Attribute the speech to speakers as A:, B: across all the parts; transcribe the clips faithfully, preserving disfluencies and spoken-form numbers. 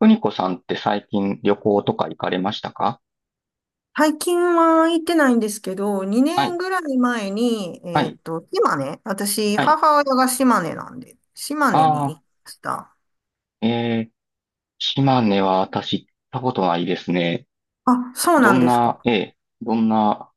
A: 邦子さんって最近旅行とか行かれましたか？
B: 最近は行ってないんですけど、
A: は
B: 2
A: い、
B: 年ぐらい前に、
A: は
B: えっ
A: い、
B: と、島根、私、
A: はい。
B: 母親が島根なんで、島根に行
A: あ
B: きました。
A: あ、えー、島根は私行ったことないですね。
B: あ、そうな
A: ど
B: ん
A: ん
B: ですか。
A: な、ええ、どんな。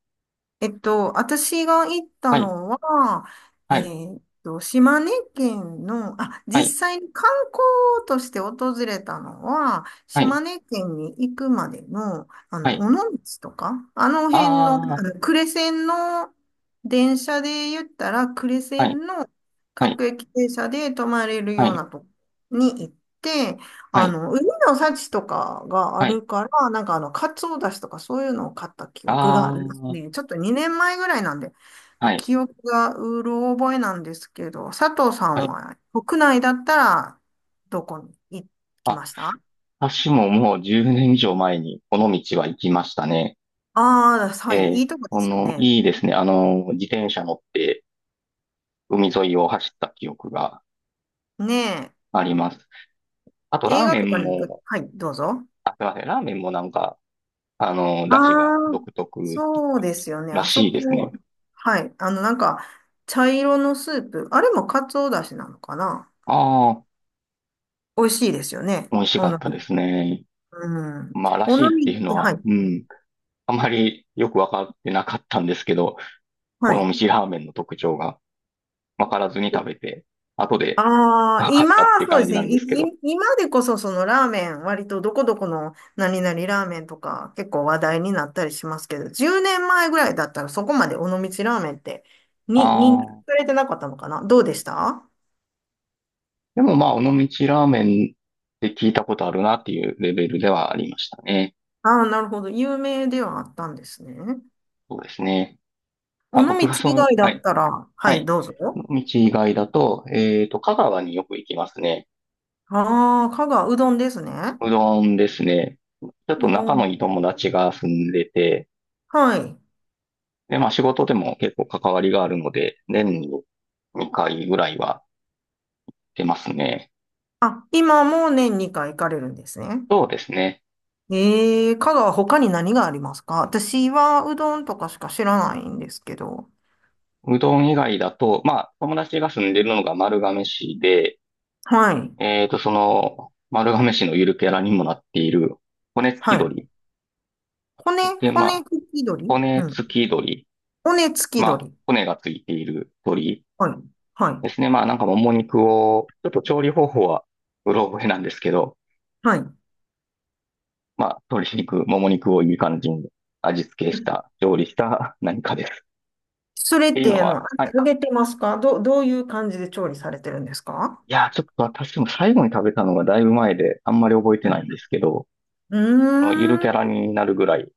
B: えっと、私が行った
A: はい、
B: のは、え
A: はい、
B: ーっと、島根県の、あ、
A: は
B: 実
A: い、
B: 際に観光として訪れたのは、
A: はい、
B: 島根県に行くまでの、あ
A: は
B: の、
A: い。
B: 尾道とか、あの辺の、あ
A: あ
B: の呉線の電車で言ったら、呉
A: あ、はい、
B: 線の
A: はい、
B: 各駅停車で泊まれる
A: は
B: よう
A: い、
B: なとこに行って、
A: は
B: あ
A: い、
B: の、海の幸とかがあ
A: はい。
B: るから、なんかあの、カツオだしとかそういうのを買った記憶が
A: あ
B: あります
A: あ、
B: ね。ちょっとにねんまえぐらいなんで、
A: はい、
B: 記憶がうろ覚えなんですけど、佐藤さん
A: はい。
B: は国内だったらどこに行き
A: あ、
B: ましたあ？
A: 私ももうじゅうねん以上前にこの道は行きましたね。
B: あー、
A: え
B: はい、い
A: え、
B: いとこで
A: こ
B: すよ
A: の、
B: ね。
A: いいですね。あの、自転車乗って海沿いを走った記憶が
B: ね
A: あります。あと、
B: え、映
A: ラー
B: 画
A: メ
B: と
A: ン
B: かに行く、
A: も、
B: はい、どうぞ。
A: あ、すいません。ラーメンもなんか、あの、
B: あ
A: 出汁が
B: あ、
A: 独特
B: そうですよね。
A: ら
B: あそ
A: しいです
B: こ、
A: ね。
B: はい、あの、なんか、茶色のスープ、あれもカツオだしなのかな？
A: ああ、
B: 美味しいですよね。
A: 美味し
B: お
A: かっ
B: の
A: たで
B: り。
A: すね。
B: うん。
A: まあ、ら
B: おの
A: しいっ
B: り
A: て
B: っ
A: いう
B: て、
A: の
B: は
A: は、
B: い。
A: うん。あまりよくわかってなかったんですけど、こ
B: はい。
A: の蒸ラーメンの特徴がわからずに食べて、後で
B: ああ、
A: わかっ
B: 今
A: たって
B: は
A: いう
B: そうで
A: 感
B: す
A: じ
B: ね。
A: なん
B: い、
A: ですけど。
B: い今でこそそのラーメン、割とどこどこの何々ラーメンとか結構話題になったりしますけど、じゅうねんまえぐらいだったらそこまで尾道ラーメンってに認知
A: あ
B: さ
A: あ、
B: れてなかったのかな、どうでしたあ
A: でもまあ、尾道ラーメンって聞いたことあるなっていうレベルではありましたね。
B: あー、なるほど。有名ではあったんですね。
A: そうですね。あ、僕
B: 尾
A: が
B: 道
A: そ
B: 以
A: の、
B: 外だ
A: は
B: っ
A: い。
B: たら、は
A: は
B: い、
A: い。
B: どうぞ。
A: 道以外だと、えっと、香川によく行きますね。
B: ああ、香川、うどんですね。
A: うどんですね。ちょっと
B: うど
A: 仲の
B: ん。
A: いい友達が住んでて、
B: はい。
A: で、まあ仕事でも結構関わりがあるので、年ににかいぐらいは出ますね。
B: あ、今も年にかい行かれるんですね。
A: そうですね。
B: えー、香川他に何がありますか？私はうどんとかしか知らないんですけど。
A: うどん以外だと、まあ友達が住んでるのが丸亀市で、
B: はい。
A: えっと、その丸亀市のゆるキャラにもなっている骨付き
B: はい。
A: 鳥。
B: 骨、
A: で、ま
B: 骨
A: あ、
B: 付き鳥
A: 骨
B: うん。
A: 付き鳥。
B: 骨付き
A: まあ、
B: 鳥。
A: 骨がついている鳥。
B: はい。は
A: で
B: い。
A: すね。まあなんかもも肉を、ちょっと調理方法はうろ覚えなんですけど、
B: はい。
A: まあ鶏肉、もも肉をいい感じに味付けした、調理した何かです。っ
B: それ
A: て
B: っ
A: いうの
B: て、あの、
A: は、はい。
B: 揚げてますか？ど、どういう感じで調理されてるんですか？
A: いやー、ちょっと私も最後に食べたのがだいぶ前であんまり覚えて
B: う
A: な
B: ん。
A: いんですけど、
B: う
A: ゆる
B: ー
A: キャラ
B: ん。
A: になるぐらい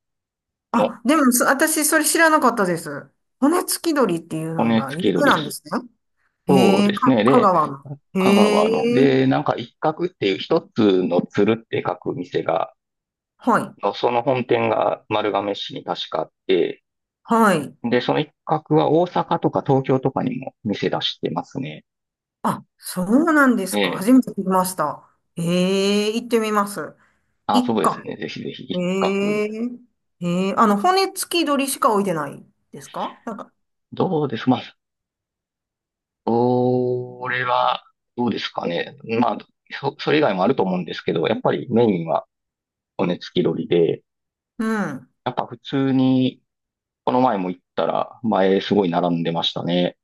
A: の
B: あ、でも、そ私、それ知らなかったです。骨付き鳥っていうの
A: 骨
B: が
A: 付
B: 有
A: き
B: 名
A: 鶏
B: な
A: で
B: んで
A: す。
B: すね。
A: そう
B: へえ、
A: です
B: か、
A: ね。
B: 香
A: で、
B: 川の。
A: 香
B: へ
A: 川
B: え。
A: の、で、なんか一角っていう一つの鶴って書く店が、
B: はい。
A: のその本店が丸亀市に確かあって、
B: はい。
A: で、その一角は大阪とか東京とかにも店出してますね。
B: あ、そうなんで
A: え
B: すか。
A: え。
B: 初めて聞きました。ええ行ってみます。
A: あ、そ
B: 一
A: うです
B: か、
A: ね。ぜひぜひ
B: え
A: 一角。
B: えええあの、骨付き鳥しか置いてないですか？なんか、
A: どうですまあ、それは、どうですかね。まあ、そ、それ以外もあると思うんですけど、やっぱりメインは骨付き鳥で、
B: うん。
A: やっぱ普通に、この前も行ったら、前すごい並んでましたね。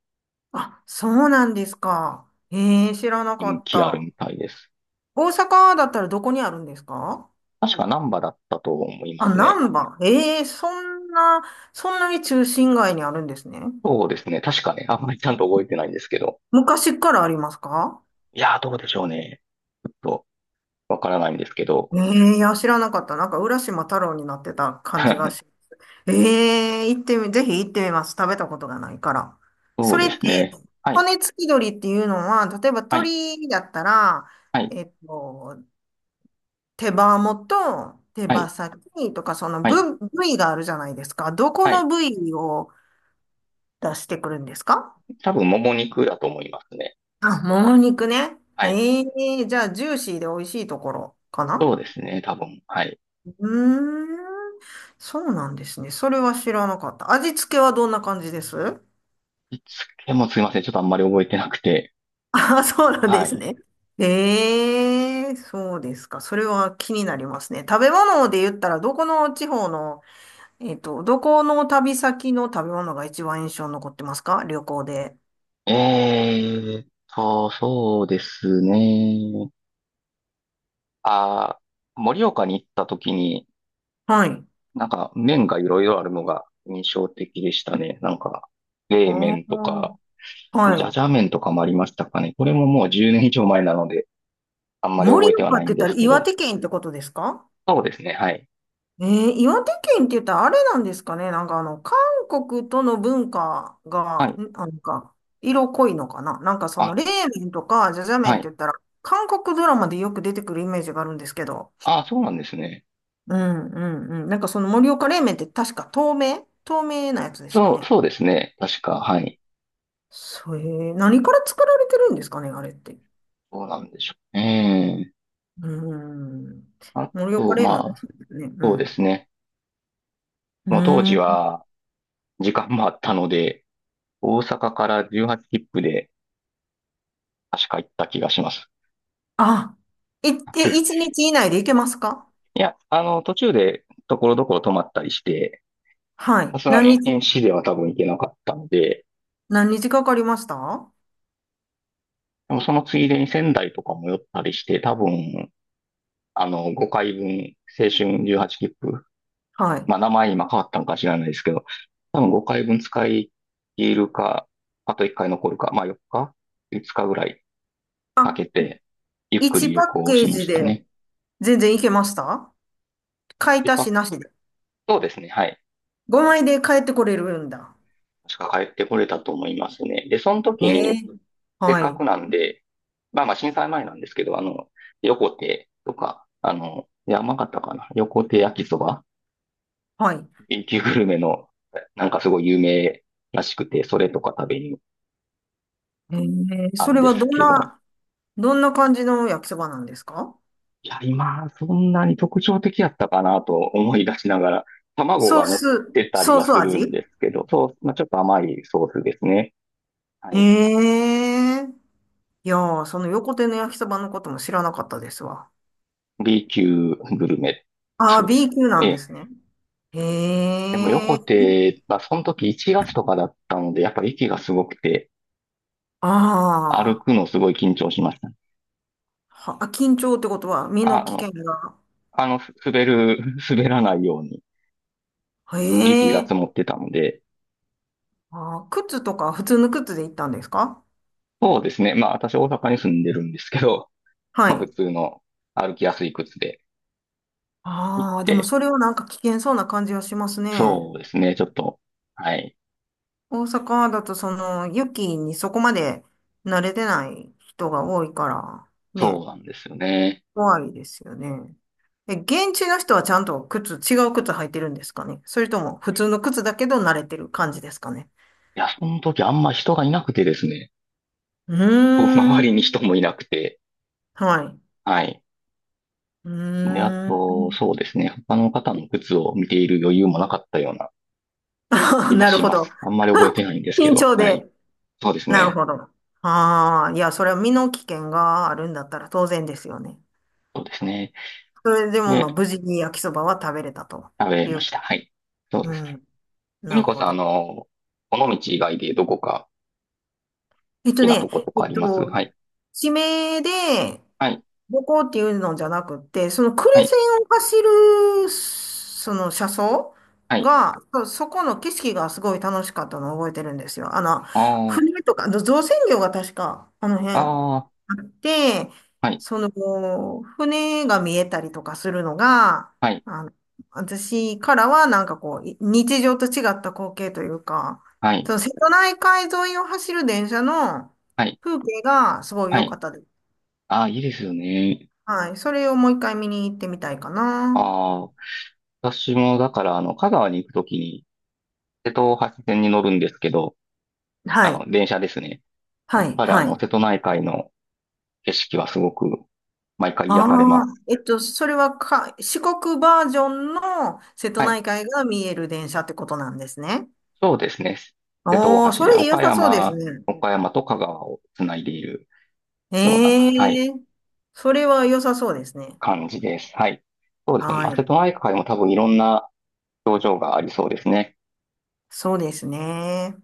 B: あ、そうなんですか。ええ知らなか
A: 人
B: っ
A: 気ある
B: た。
A: みたいです。
B: 大阪だったらどこにあるんですか？
A: 確か難波だったと思いま
B: あ、
A: すね。
B: 難波。ええそんな、そんなに中心街にあるんですね。
A: そうですね。確かね、あんまりちゃんと覚えてないんですけど。
B: 昔からありますか？
A: いやー、どうでしょうね。ちょっとわからないんですけど。
B: ええいや、知らなかった。なんか、浦島太郎になってた感じがし ええ行ってみ、ぜひ行ってみます。食べたことがないから。
A: そ
B: そ
A: う
B: れっ
A: です
B: て、
A: ね。はい、
B: 骨付き鳥っていうのは、例えば
A: はい、
B: 鳥だったら、
A: はい、
B: えっと、手羽元、手
A: は
B: 羽
A: い、
B: 先とか、その
A: はい、
B: 部、部位があるじゃないですか。どこ
A: は
B: の
A: い。
B: 部位を出してくるんですか？
A: 多分、もも肉だと思いますね。
B: あ、もも肉ね。
A: はい。
B: ええじゃあ、ジューシーで美味しいところか
A: そ
B: な？
A: うですね、多分。はい。
B: うーん、そうなんですね。それは知らなかった。味付けはどんな感じです？
A: いつけもすいません。ちょっとあんまり覚えてなくて。
B: ああ、そうなん
A: は
B: です
A: い。
B: ね。ええ、そうですか。それは気になりますね。食べ物で言ったら、どこの地方の、えっと、どこの旅先の食べ物が一番印象に残ってますか？旅行で。
A: えーっと、そうですね。あー、盛岡に行った時に、
B: はい。
A: なんか麺がいろいろあるのが印象的でしたね。なんか、
B: あ
A: 冷麺と
B: あ、
A: か、
B: は
A: じゃじ
B: い。
A: ゃ麺とかもありましたかね。これももうじゅうねん以上前なので、あんまり
B: 盛
A: 覚えては
B: 岡っ
A: ない
B: て
A: ん
B: 言っ
A: で
B: た
A: す
B: ら
A: け
B: 岩
A: ど。
B: 手県ってことですか？
A: そうですね。はい。
B: えー、岩手県って言ったらあれなんですかね。なんかあの、韓国との文化
A: は
B: が、
A: い。
B: んなんか、色濃いのかな。なんかその、
A: あ、
B: 冷麺とか、じゃじゃ麺
A: は
B: って
A: い。
B: 言ったら、韓国ドラマでよく出てくるイメージがあるんですけど。
A: あ、そうなんですね。
B: うんうんうん。なんかその盛岡冷麺って確か透明透明なやつですよ
A: そう、
B: ね。
A: そうですね。確か。はい。
B: それ、何から作られてるんですかね、あれって。
A: そうなんでしょう。ええ。
B: うん。
A: あ
B: 盛岡
A: と、
B: 冷麺美
A: ま
B: 味し
A: あ、
B: いですね。う
A: そうで
B: ん。
A: すね。もう当時
B: うん。
A: は時間もあったので、大阪からじゅうはち切符で確か行った気がします。
B: あ、いって、え一 日以内でいけますか？
A: いや、あの、途中でところどころ泊まったりして、
B: は
A: さ
B: い。
A: すが
B: 何
A: に1
B: 日
A: 日では多分行けなかったので、
B: 何日かかりました？は
A: でもそのついでに仙台とかも寄ったりして、多分あの、ごかいぶん、青春じゅうはち切符。
B: い。
A: まあ、名前今変わったのか知らないですけど、多分ごかいぶん使い切るか、あといっかい残るか、まあよっか ?いつ 日ぐらい
B: あ、
A: かけて、ゆっくり
B: いち
A: 旅
B: パッ
A: 行を
B: ケ
A: し
B: ー
A: ま
B: ジ
A: した
B: で
A: ね。
B: 全然いけました？買い
A: で、
B: 足し
A: パ
B: なしで。
A: そうですね、はい。
B: ごまいで帰ってこれるんだ。
A: 確か帰ってこれたと思いますね。で、その時
B: ええ
A: に、せっ
B: は
A: か
B: い。
A: くなんで、まあまあ震災前なんですけど、あの、横手とか、あの、山形かな、横手焼きそば
B: はい。
A: B 級グルメの、なんかすごい有名らしくて、それとか食べに行っ
B: ええ
A: た
B: そ
A: ん
B: れ
A: で
B: はど
A: す
B: ん
A: けど、
B: な、どんな感じの焼きそばなんですか？
A: いや、今、そんなに特徴的やったかなと思い出しながら、卵
B: ソ
A: が
B: ー
A: 乗っ
B: ス、
A: てたり
B: ソー
A: は
B: ス
A: するん
B: 味？
A: ですけど、そう、まあ、ちょっと甘いソースですね。はい。
B: へえ。いやー、その横手の焼きそばのことも知らなかったですわ。
A: B 級グルメ。
B: あ
A: そ
B: あ、
A: うです。
B: B 級な
A: え
B: んで
A: え。
B: すね。
A: でも、
B: へ
A: 横
B: え。
A: 手は、その時いちがつとかだったので、やっぱり息がすごくて、歩
B: あ
A: く
B: あ。
A: のすごい緊張しました。
B: は、緊張ってことは身の
A: あ、あ
B: 危
A: の、
B: 険が。
A: あの、す滑る、滑らないように
B: へ
A: 雪が
B: え。
A: 積もってたので、
B: あー、靴とか普通の靴で行ったんですか？
A: そうですね。まあ、私大阪に住んでるんですけど、
B: は
A: まあ、普
B: い。
A: 通の歩きやすい靴で行っ
B: ああ、でも
A: て、
B: それはなんか危険そうな感じはしますね。
A: そうですね。ちょっと、はい。
B: 大阪だとその雪にそこまで慣れてない人が多いから、
A: そ
B: ね、
A: うなんですよね。
B: 怖いですよね。え、現地の人はちゃんと靴、違う靴履いてるんですかね？それとも普通の靴だけど慣れてる感じですかね？
A: いや、その時あんま人がいなくてですね。
B: う
A: こう
B: ー
A: 周り
B: ん。
A: に人もいなくて、
B: はい。
A: はい。
B: う
A: で、あ
B: ーん。
A: と、そうですね。他の方の靴を見ている余裕もなかったような 気が
B: なる
A: し
B: ほ
A: ま
B: ど。
A: す。あんまり覚えてないんですけ
B: 緊
A: ど、
B: 張
A: はい。
B: で。
A: そうです
B: なる
A: ね。
B: ほど。ああ、いや、それは身の危険があるんだったら当然ですよね。
A: そうですね。
B: それでも、まあ、
A: で、
B: 無事に焼きそばは食べれたと
A: 食べ
B: い
A: ま
B: う。
A: した。はい。そうで
B: う
A: すね。
B: ん。
A: ふ
B: な
A: み
B: る
A: こ
B: ほ
A: さん、あ
B: ど。
A: の、この道以外でどこか、
B: えっと
A: きなと
B: ね、
A: こと
B: え
A: かあ
B: っ
A: ります？
B: と、
A: はい。
B: 地名で
A: はい。
B: どこっていうのじゃなくて、その呉
A: はい。
B: 線を走る、その車窓
A: はい。
B: が、そそこの景色がすごい楽しかったのを覚えてるんですよ。あの、
A: あ
B: 船とか、あの造船業が確か、あの
A: あ。
B: 辺。
A: ああ。
B: あって、
A: はい。
B: その、船が見えたりとかするのが、
A: はい。
B: あの、私からはなんかこう、い日常と違った光景というか、
A: はい。
B: その瀬戸内海沿いを走る電車の
A: はい。
B: 風景がすごい
A: は
B: 良か
A: い。
B: ったです。
A: ああ、いいですよね。
B: はい。それをもう一回見に行ってみたいかな。
A: ああ。私も、だから、あの、香川に行くときに、瀬戸大橋線に乗るんですけど、あ
B: はい。
A: の、電車ですね。や
B: は
A: っ
B: い。
A: ぱり、あ
B: は
A: の、
B: い。
A: 瀬戸内海の景色はすごく、毎回癒されま
B: ああ、
A: す。
B: えっと、それはか、四国バージョンの瀬戸
A: はい。
B: 内海が見える電車ってことなんですね。
A: そうですね。瀬戸
B: お
A: 大
B: ー、
A: 橋
B: そ
A: で、
B: れ良
A: 岡
B: さそうです
A: 山、
B: ね。
A: 岡山と香川をつないでいるような、は
B: え
A: い、
B: えそれは良さそうですね。
A: 感じです。はい。そうですね。ま
B: は
A: あ、瀬
B: い。
A: 戸内海も多分いろんな表情がありそうですね。
B: そうですね。